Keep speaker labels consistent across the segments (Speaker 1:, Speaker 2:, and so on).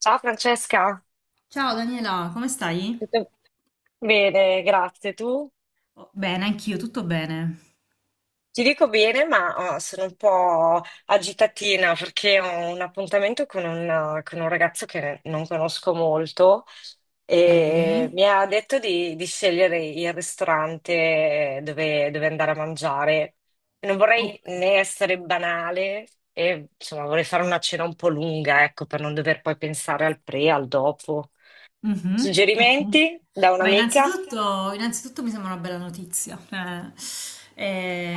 Speaker 1: Ciao Francesca,
Speaker 2: Ciao Daniela, come stai?
Speaker 1: tutto bene, grazie. Tu?
Speaker 2: Oh, bene, anch'io, tutto bene.
Speaker 1: Ti dico bene, ma sono un po' agitatina perché ho un appuntamento con un ragazzo che non conosco molto
Speaker 2: Ok.
Speaker 1: e mi ha detto di scegliere il ristorante dove andare a mangiare. Non vorrei
Speaker 2: Ok.
Speaker 1: né essere banale e insomma vorrei fare una cena un po' lunga, ecco, per non dover poi pensare al pre, al dopo.
Speaker 2: Mhm, ok.
Speaker 1: Suggerimenti da
Speaker 2: Beh,
Speaker 1: un'amica?
Speaker 2: innanzitutto, mi sembra una bella notizia.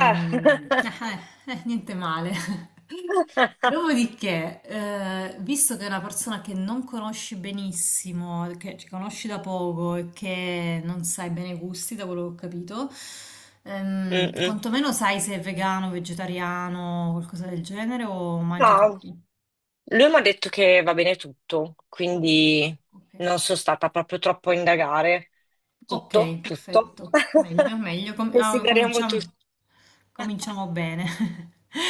Speaker 1: Eh.
Speaker 2: eh, Niente male. Dopodiché, visto che è una persona che non conosci benissimo, che ci conosci da poco e che non sai bene i gusti, da quello che ho capito,
Speaker 1: Mm-mm.
Speaker 2: quantomeno sai se è vegano, vegetariano, qualcosa del genere o mangia
Speaker 1: No,
Speaker 2: tutti.
Speaker 1: lui mi ha detto che va bene tutto,
Speaker 2: Va bene,
Speaker 1: quindi
Speaker 2: ok.
Speaker 1: non sono stata proprio troppo a indagare.
Speaker 2: Ok,
Speaker 1: Tutto, tutto.
Speaker 2: perfetto. Meglio, meglio.
Speaker 1: Consideriamo tutto.
Speaker 2: Cominciamo, bene.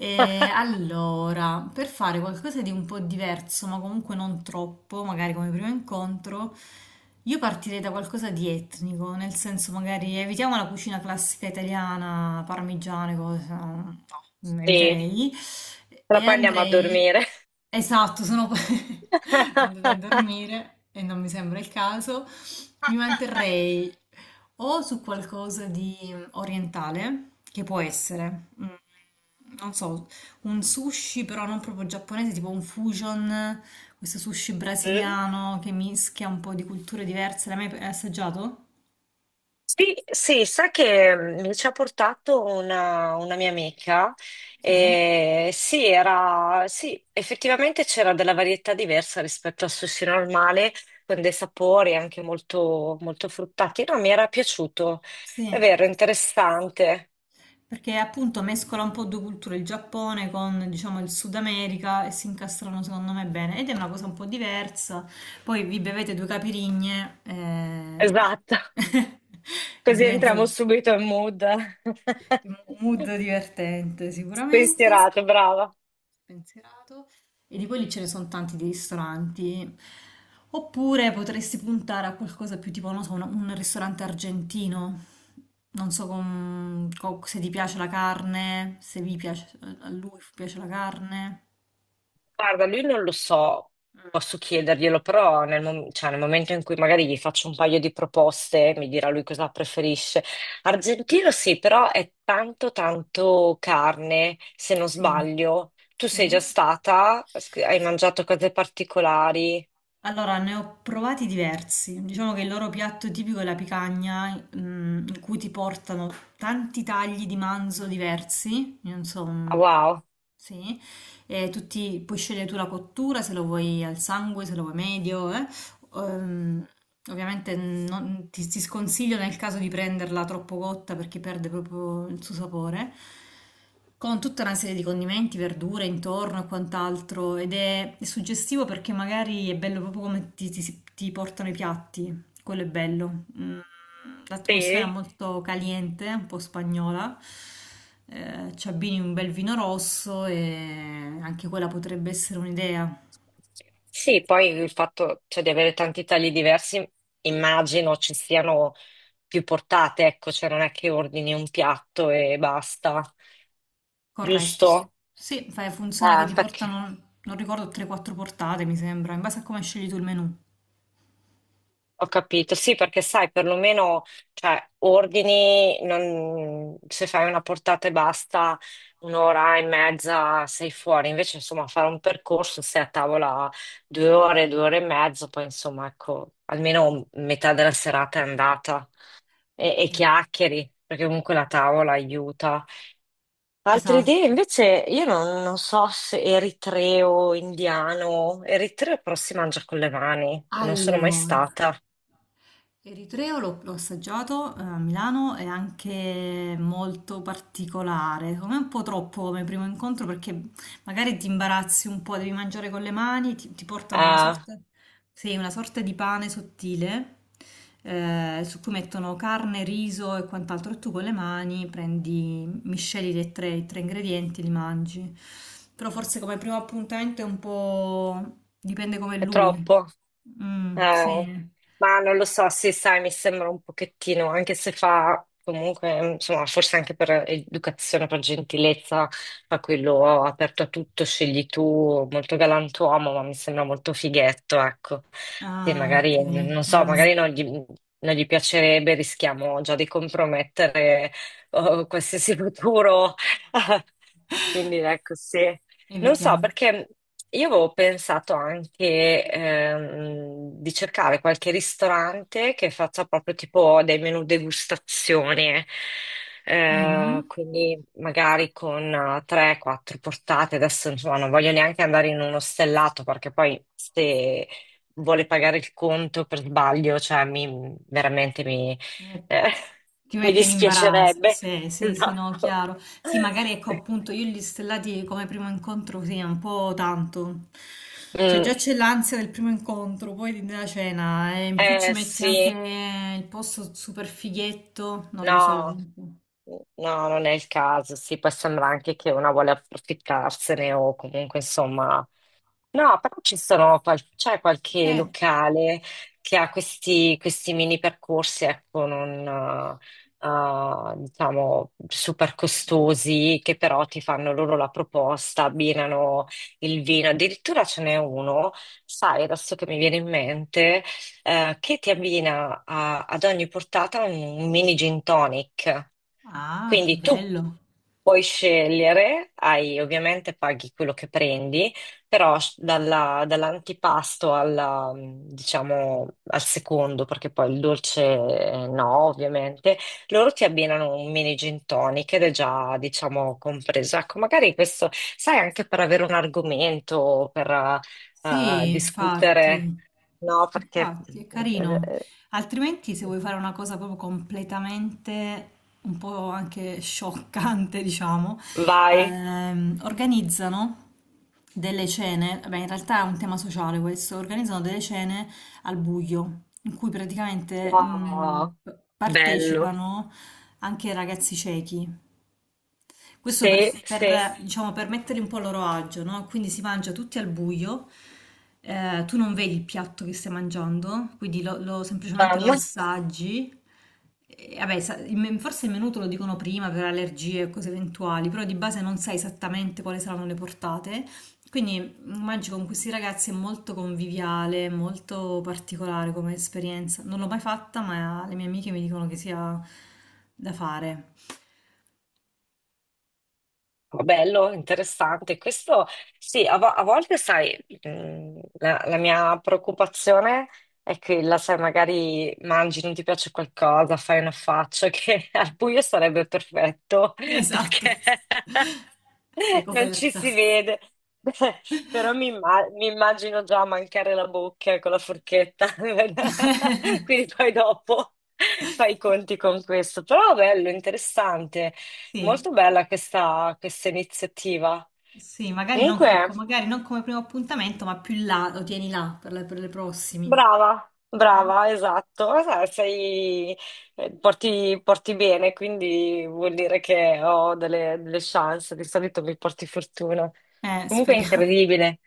Speaker 2: E allora, per fare qualcosa di un po' diverso, ma comunque non troppo, magari come primo incontro, io partirei da qualcosa di etnico, nel senso magari evitiamo la cucina classica italiana, parmigiane, cose, no,
Speaker 1: Sì,
Speaker 2: eviterei,
Speaker 1: però
Speaker 2: e
Speaker 1: poi andiamo a
Speaker 2: andrei...
Speaker 1: dormire.
Speaker 2: Esatto, sono poi andata a dormire e non mi sembra il caso. Mi manterrei o su qualcosa di orientale, che può essere, non so, un sushi però non proprio giapponese, tipo un fusion, questo sushi brasiliano che mischia un po' di culture diverse. L'hai mai assaggiato?
Speaker 1: Sì, sì, sai che mi ci ha portato una mia amica.
Speaker 2: Sì.
Speaker 1: E sì, era, sì, effettivamente c'era della varietà diversa rispetto al sushi normale, con dei sapori anche molto, molto fruttati. No, mi era piaciuto.
Speaker 2: Sì.
Speaker 1: È vero, interessante.
Speaker 2: Perché appunto mescola un po' due culture, il Giappone con diciamo il Sud America e si incastrano secondo me bene ed è una cosa un po' diversa. Poi vi bevete due capirigne
Speaker 1: Esatto.
Speaker 2: e
Speaker 1: Così
Speaker 2: diventa
Speaker 1: entriamo
Speaker 2: un
Speaker 1: subito in mood.
Speaker 2: mood divertente sicuramente
Speaker 1: Spensierato, brava.
Speaker 2: pensierato e di quelli ce ne sono tanti di ristoranti. Oppure potresti puntare a qualcosa più tipo, non so, un ristorante argentino. Non so se ti piace la carne, se vi piace, a lui piace la carne.
Speaker 1: Guarda, lui non lo so,
Speaker 2: Mm.
Speaker 1: posso chiederglielo, però cioè, nel momento in cui magari gli faccio un paio di proposte, mi dirà lui cosa preferisce. Argentino sì, però è tanto tanto carne, se non
Speaker 2: Sì,
Speaker 1: sbaglio. Tu
Speaker 2: sì.
Speaker 1: sei già stata? Hai mangiato cose particolari?
Speaker 2: Allora, ne ho provati diversi. Diciamo che il loro piatto tipico è la picagna, in cui ti portano tanti tagli di manzo diversi. Io non so,
Speaker 1: Ah,
Speaker 2: mm,
Speaker 1: wow.
Speaker 2: sì, e tutti puoi scegliere tu la cottura, se lo vuoi al sangue, se lo vuoi medio, eh. Ehm, ovviamente ti sconsiglio nel caso di prenderla troppo cotta perché perde proprio il suo sapore, con tutta una serie di condimenti, verdure intorno e quant'altro, ed è suggestivo perché magari è bello proprio come ti portano i piatti, quello è bello. Mm, l'atmosfera è
Speaker 1: Sì.
Speaker 2: molto caliente, un po' spagnola. Ci abbini un bel vino rosso e anche quella potrebbe essere un'idea.
Speaker 1: Sì, poi il fatto, cioè, di avere tanti tagli diversi, immagino ci siano più portate, ecco, cioè non è che ordini un piatto e basta,
Speaker 2: Corretto. Sì.
Speaker 1: giusto?
Speaker 2: Sì, funziona che ti
Speaker 1: Perché
Speaker 2: portano, non ricordo, 3-4 portate, mi sembra, in base a come scegli tu il menù.
Speaker 1: ho capito, sì, perché sai, perlomeno, cioè, ordini, non- se fai una portata e basta, un'ora e mezza sei fuori, invece, insomma, fare un percorso, sei a tavola 2 ore, 2 ore e mezzo, poi, insomma, ecco, almeno metà della serata è andata e
Speaker 2: Ok,
Speaker 1: chiacchieri, perché comunque la tavola aiuta. Altre idee,
Speaker 2: esatto.
Speaker 1: invece, io non so se eritreo, indiano, eritreo però si mangia con le mani, non sono mai
Speaker 2: Allora,
Speaker 1: stata.
Speaker 2: l'eritreo l'ho assaggiato a Milano, è anche molto particolare, secondo me è un po' troppo come primo incontro perché magari ti imbarazzi un po', devi mangiare con le mani, ti portano una
Speaker 1: Ah,
Speaker 2: sorta... Sì, una sorta di pane sottile su cui mettono carne, riso e quant'altro. E tu con le mani prendi, misceli i tre ingredienti e li mangi. Però forse come primo appuntamento è un po'... dipende come è
Speaker 1: è
Speaker 2: lui.
Speaker 1: troppo.
Speaker 2: Mm,
Speaker 1: Eh,
Speaker 2: sì.
Speaker 1: ma non lo so, sì, sai, mi sembra un pochettino, anche se fa comunque, insomma, forse anche per educazione, per gentilezza, fa quello aperto a tutto, scegli tu, molto galantuomo, ma mi sembra molto fighetto, ecco. Sì,
Speaker 2: Ah, ok.
Speaker 1: magari, non so,
Speaker 2: Mm.
Speaker 1: magari non gli piacerebbe, rischiamo già di compromettere, oh, qualsiasi futuro. Quindi ecco, sì. Non so,
Speaker 2: Evitiamo.
Speaker 1: perché io avevo pensato anche di cercare qualche ristorante che faccia proprio tipo dei menù degustazione,
Speaker 2: Mhm.
Speaker 1: quindi magari con 3-4 portate. Adesso insomma non voglio neanche andare in uno stellato perché poi se vuole pagare il conto per sbaglio, cioè mi, veramente mi,
Speaker 2: Ti met-
Speaker 1: eh,
Speaker 2: ti
Speaker 1: mi
Speaker 2: mette in imbarazzo,
Speaker 1: dispiacerebbe.
Speaker 2: sì, sì, sì, no,
Speaker 1: Esatto.
Speaker 2: chiaro. Sì, magari ecco appunto io gli stellati come primo incontro, sì, è un po' tanto. Cioè
Speaker 1: Mm,
Speaker 2: già c'è l'ansia del primo incontro, poi della cena, e in più ci
Speaker 1: eh
Speaker 2: metti anche
Speaker 1: sì,
Speaker 2: il posto super fighetto, non lo so,
Speaker 1: No,
Speaker 2: comunque.
Speaker 1: no, non è il caso. Sì, può sembrare anche che una vuole approfittarsene o comunque insomma. No, però ci sono qual- c'è qualche
Speaker 2: Cioè,
Speaker 1: locale che ha questi mini percorsi, ecco, non diciamo super costosi, che però ti fanno loro la proposta, abbinano il vino. Addirittura ce n'è uno, sai, adesso che mi viene in mente, che ti abbina ad ogni portata un mini gin tonic.
Speaker 2: ah, che
Speaker 1: Quindi tu
Speaker 2: bello.
Speaker 1: puoi scegliere, ovviamente paghi quello che prendi, dalla- dall'antipasto alla, diciamo, al secondo, perché poi il dolce no, ovviamente, loro ti abbinano un mini gin tonic ed è già, diciamo, compreso. Ecco, magari questo, sai, anche per avere un argomento, per
Speaker 2: Sì,
Speaker 1: discutere,
Speaker 2: infatti,
Speaker 1: no?
Speaker 2: infatti è carino. Altrimenti, se vuoi fare una cosa proprio completamente un po' anche scioccante, diciamo,
Speaker 1: Vai.
Speaker 2: organizzano delle cene. Beh, in realtà è un tema sociale questo. Organizzano delle cene al buio, in cui praticamente
Speaker 1: Wow, bello.
Speaker 2: partecipano anche ragazzi ciechi. Questo
Speaker 1: Sì, sì,
Speaker 2: per, diciamo, per metterli un po' a loro agio, no? Quindi si mangia tutti al buio, tu non vedi il piatto che stai mangiando, quindi
Speaker 1: ma
Speaker 2: semplicemente lo
Speaker 1: molto
Speaker 2: assaggi. E, vabbè, forse il menù te lo dicono prima per allergie e cose eventuali, però di base non sai esattamente quali saranno le portate. Quindi mangi con questi ragazzi, è molto conviviale, molto particolare come esperienza. Non l'ho mai fatta, ma le mie amiche mi dicono che sia da fare.
Speaker 1: bello, interessante. Questo sì, a volte sai, la mia preoccupazione è che la sai, magari mangi, non ti piace qualcosa, fai una faccia che al buio sarebbe perfetto,
Speaker 2: Esatto.
Speaker 1: perché
Speaker 2: Sei
Speaker 1: non ci
Speaker 2: coperta.
Speaker 1: si vede, però mi immagino già mancare la bocca con la forchetta, quindi poi dopo fai i conti con questo. Però bello, interessante,
Speaker 2: Sì,
Speaker 1: molto bella questa iniziativa.
Speaker 2: sì, magari non, co-
Speaker 1: Comunque,
Speaker 2: ecco, magari non come primo appuntamento, ma più là, lo tieni là per per le prossimi.
Speaker 1: brava,
Speaker 2: Mm?
Speaker 1: brava, esatto. Eh, sei, porti bene, quindi vuol dire che ho delle chance, di solito mi porti fortuna. Comunque è
Speaker 2: Speriamo.
Speaker 1: incredibile.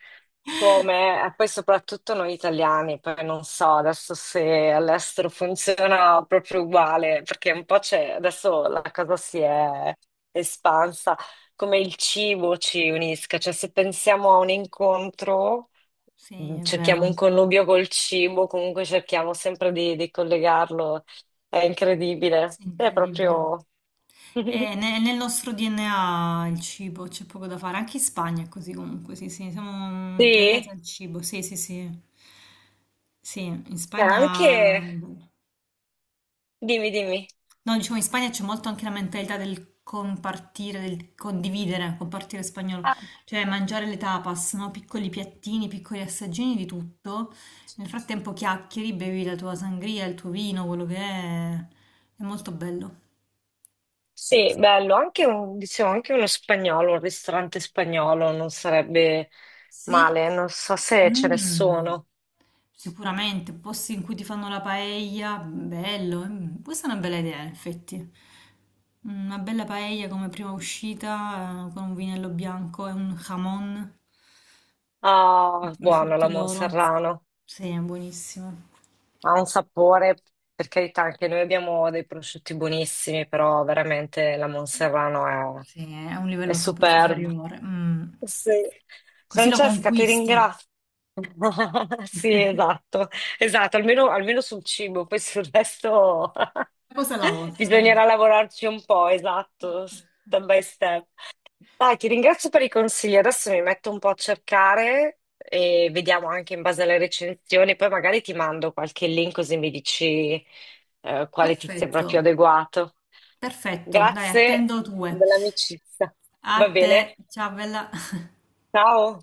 Speaker 1: Come, e poi soprattutto noi italiani, poi non so adesso se all'estero funziona proprio uguale, perché un po' c'è, adesso la cosa si è espansa, come il cibo ci unisca, cioè se pensiamo a un incontro,
Speaker 2: Sì, è
Speaker 1: cerchiamo
Speaker 2: vero,
Speaker 1: un connubio col cibo, comunque cerchiamo sempre di collegarlo, è incredibile, è
Speaker 2: incredibile.
Speaker 1: proprio...
Speaker 2: Nel nostro DNA il cibo c'è poco da fare, anche in Spagna è così comunque, sì, sì, siamo
Speaker 1: Sì,
Speaker 2: legati
Speaker 1: e
Speaker 2: al cibo, sì, sì, sì. Sì, in Spagna
Speaker 1: anche... Dimmi, dimmi.
Speaker 2: no, diciamo in Spagna c'è molto anche la mentalità del compartire, del condividere, compartire spagnolo, cioè mangiare le tapas, no? Piccoli piattini, piccoli assaggini di tutto. Nel frattempo chiacchieri, bevi la tua sangria, il tuo vino, quello che è. È molto bello.
Speaker 1: Sì, bello, anche un, diciamo, anche uno spagnolo, un ristorante spagnolo non sarebbe
Speaker 2: Sì,
Speaker 1: male, non so se ce ne
Speaker 2: mm.
Speaker 1: sono.
Speaker 2: Sicuramente, posti in cui ti fanno la paella, bello, mm. Questa è una bella idea, in effetti. Mm, una bella paella come prima uscita, con un vinello bianco e un jamon, il
Speaker 1: Ah, buono
Speaker 2: prosciutto
Speaker 1: la
Speaker 2: loro.
Speaker 1: Monserrano,
Speaker 2: Sì, è buonissimo.
Speaker 1: ha un sapore, per carità, anche noi abbiamo dei prosciutti buonissimi, però veramente la Monserrano
Speaker 2: Sì, è un
Speaker 1: è,
Speaker 2: livello
Speaker 1: superba.
Speaker 2: superiore. Mm.
Speaker 1: Sì.
Speaker 2: Così lo
Speaker 1: Francesca, ti
Speaker 2: conquisti.
Speaker 1: ringrazio. Sì, esatto, esatto, almeno, almeno sul cibo, poi sul resto
Speaker 2: Una cosa alla volta, dai.
Speaker 1: bisognerà lavorarci un po', esatto, step by step. Dai, ti ringrazio per i consigli, adesso mi metto un po' a cercare e vediamo anche in base alle recensioni, poi magari ti mando qualche link così mi dici quale ti sembra
Speaker 2: Perfetto.
Speaker 1: più adeguato.
Speaker 2: Perfetto, dai,
Speaker 1: Grazie
Speaker 2: attendo due.
Speaker 1: dell'amicizia,
Speaker 2: A
Speaker 1: va
Speaker 2: te,
Speaker 1: bene?
Speaker 2: ciao bella.
Speaker 1: Ciao.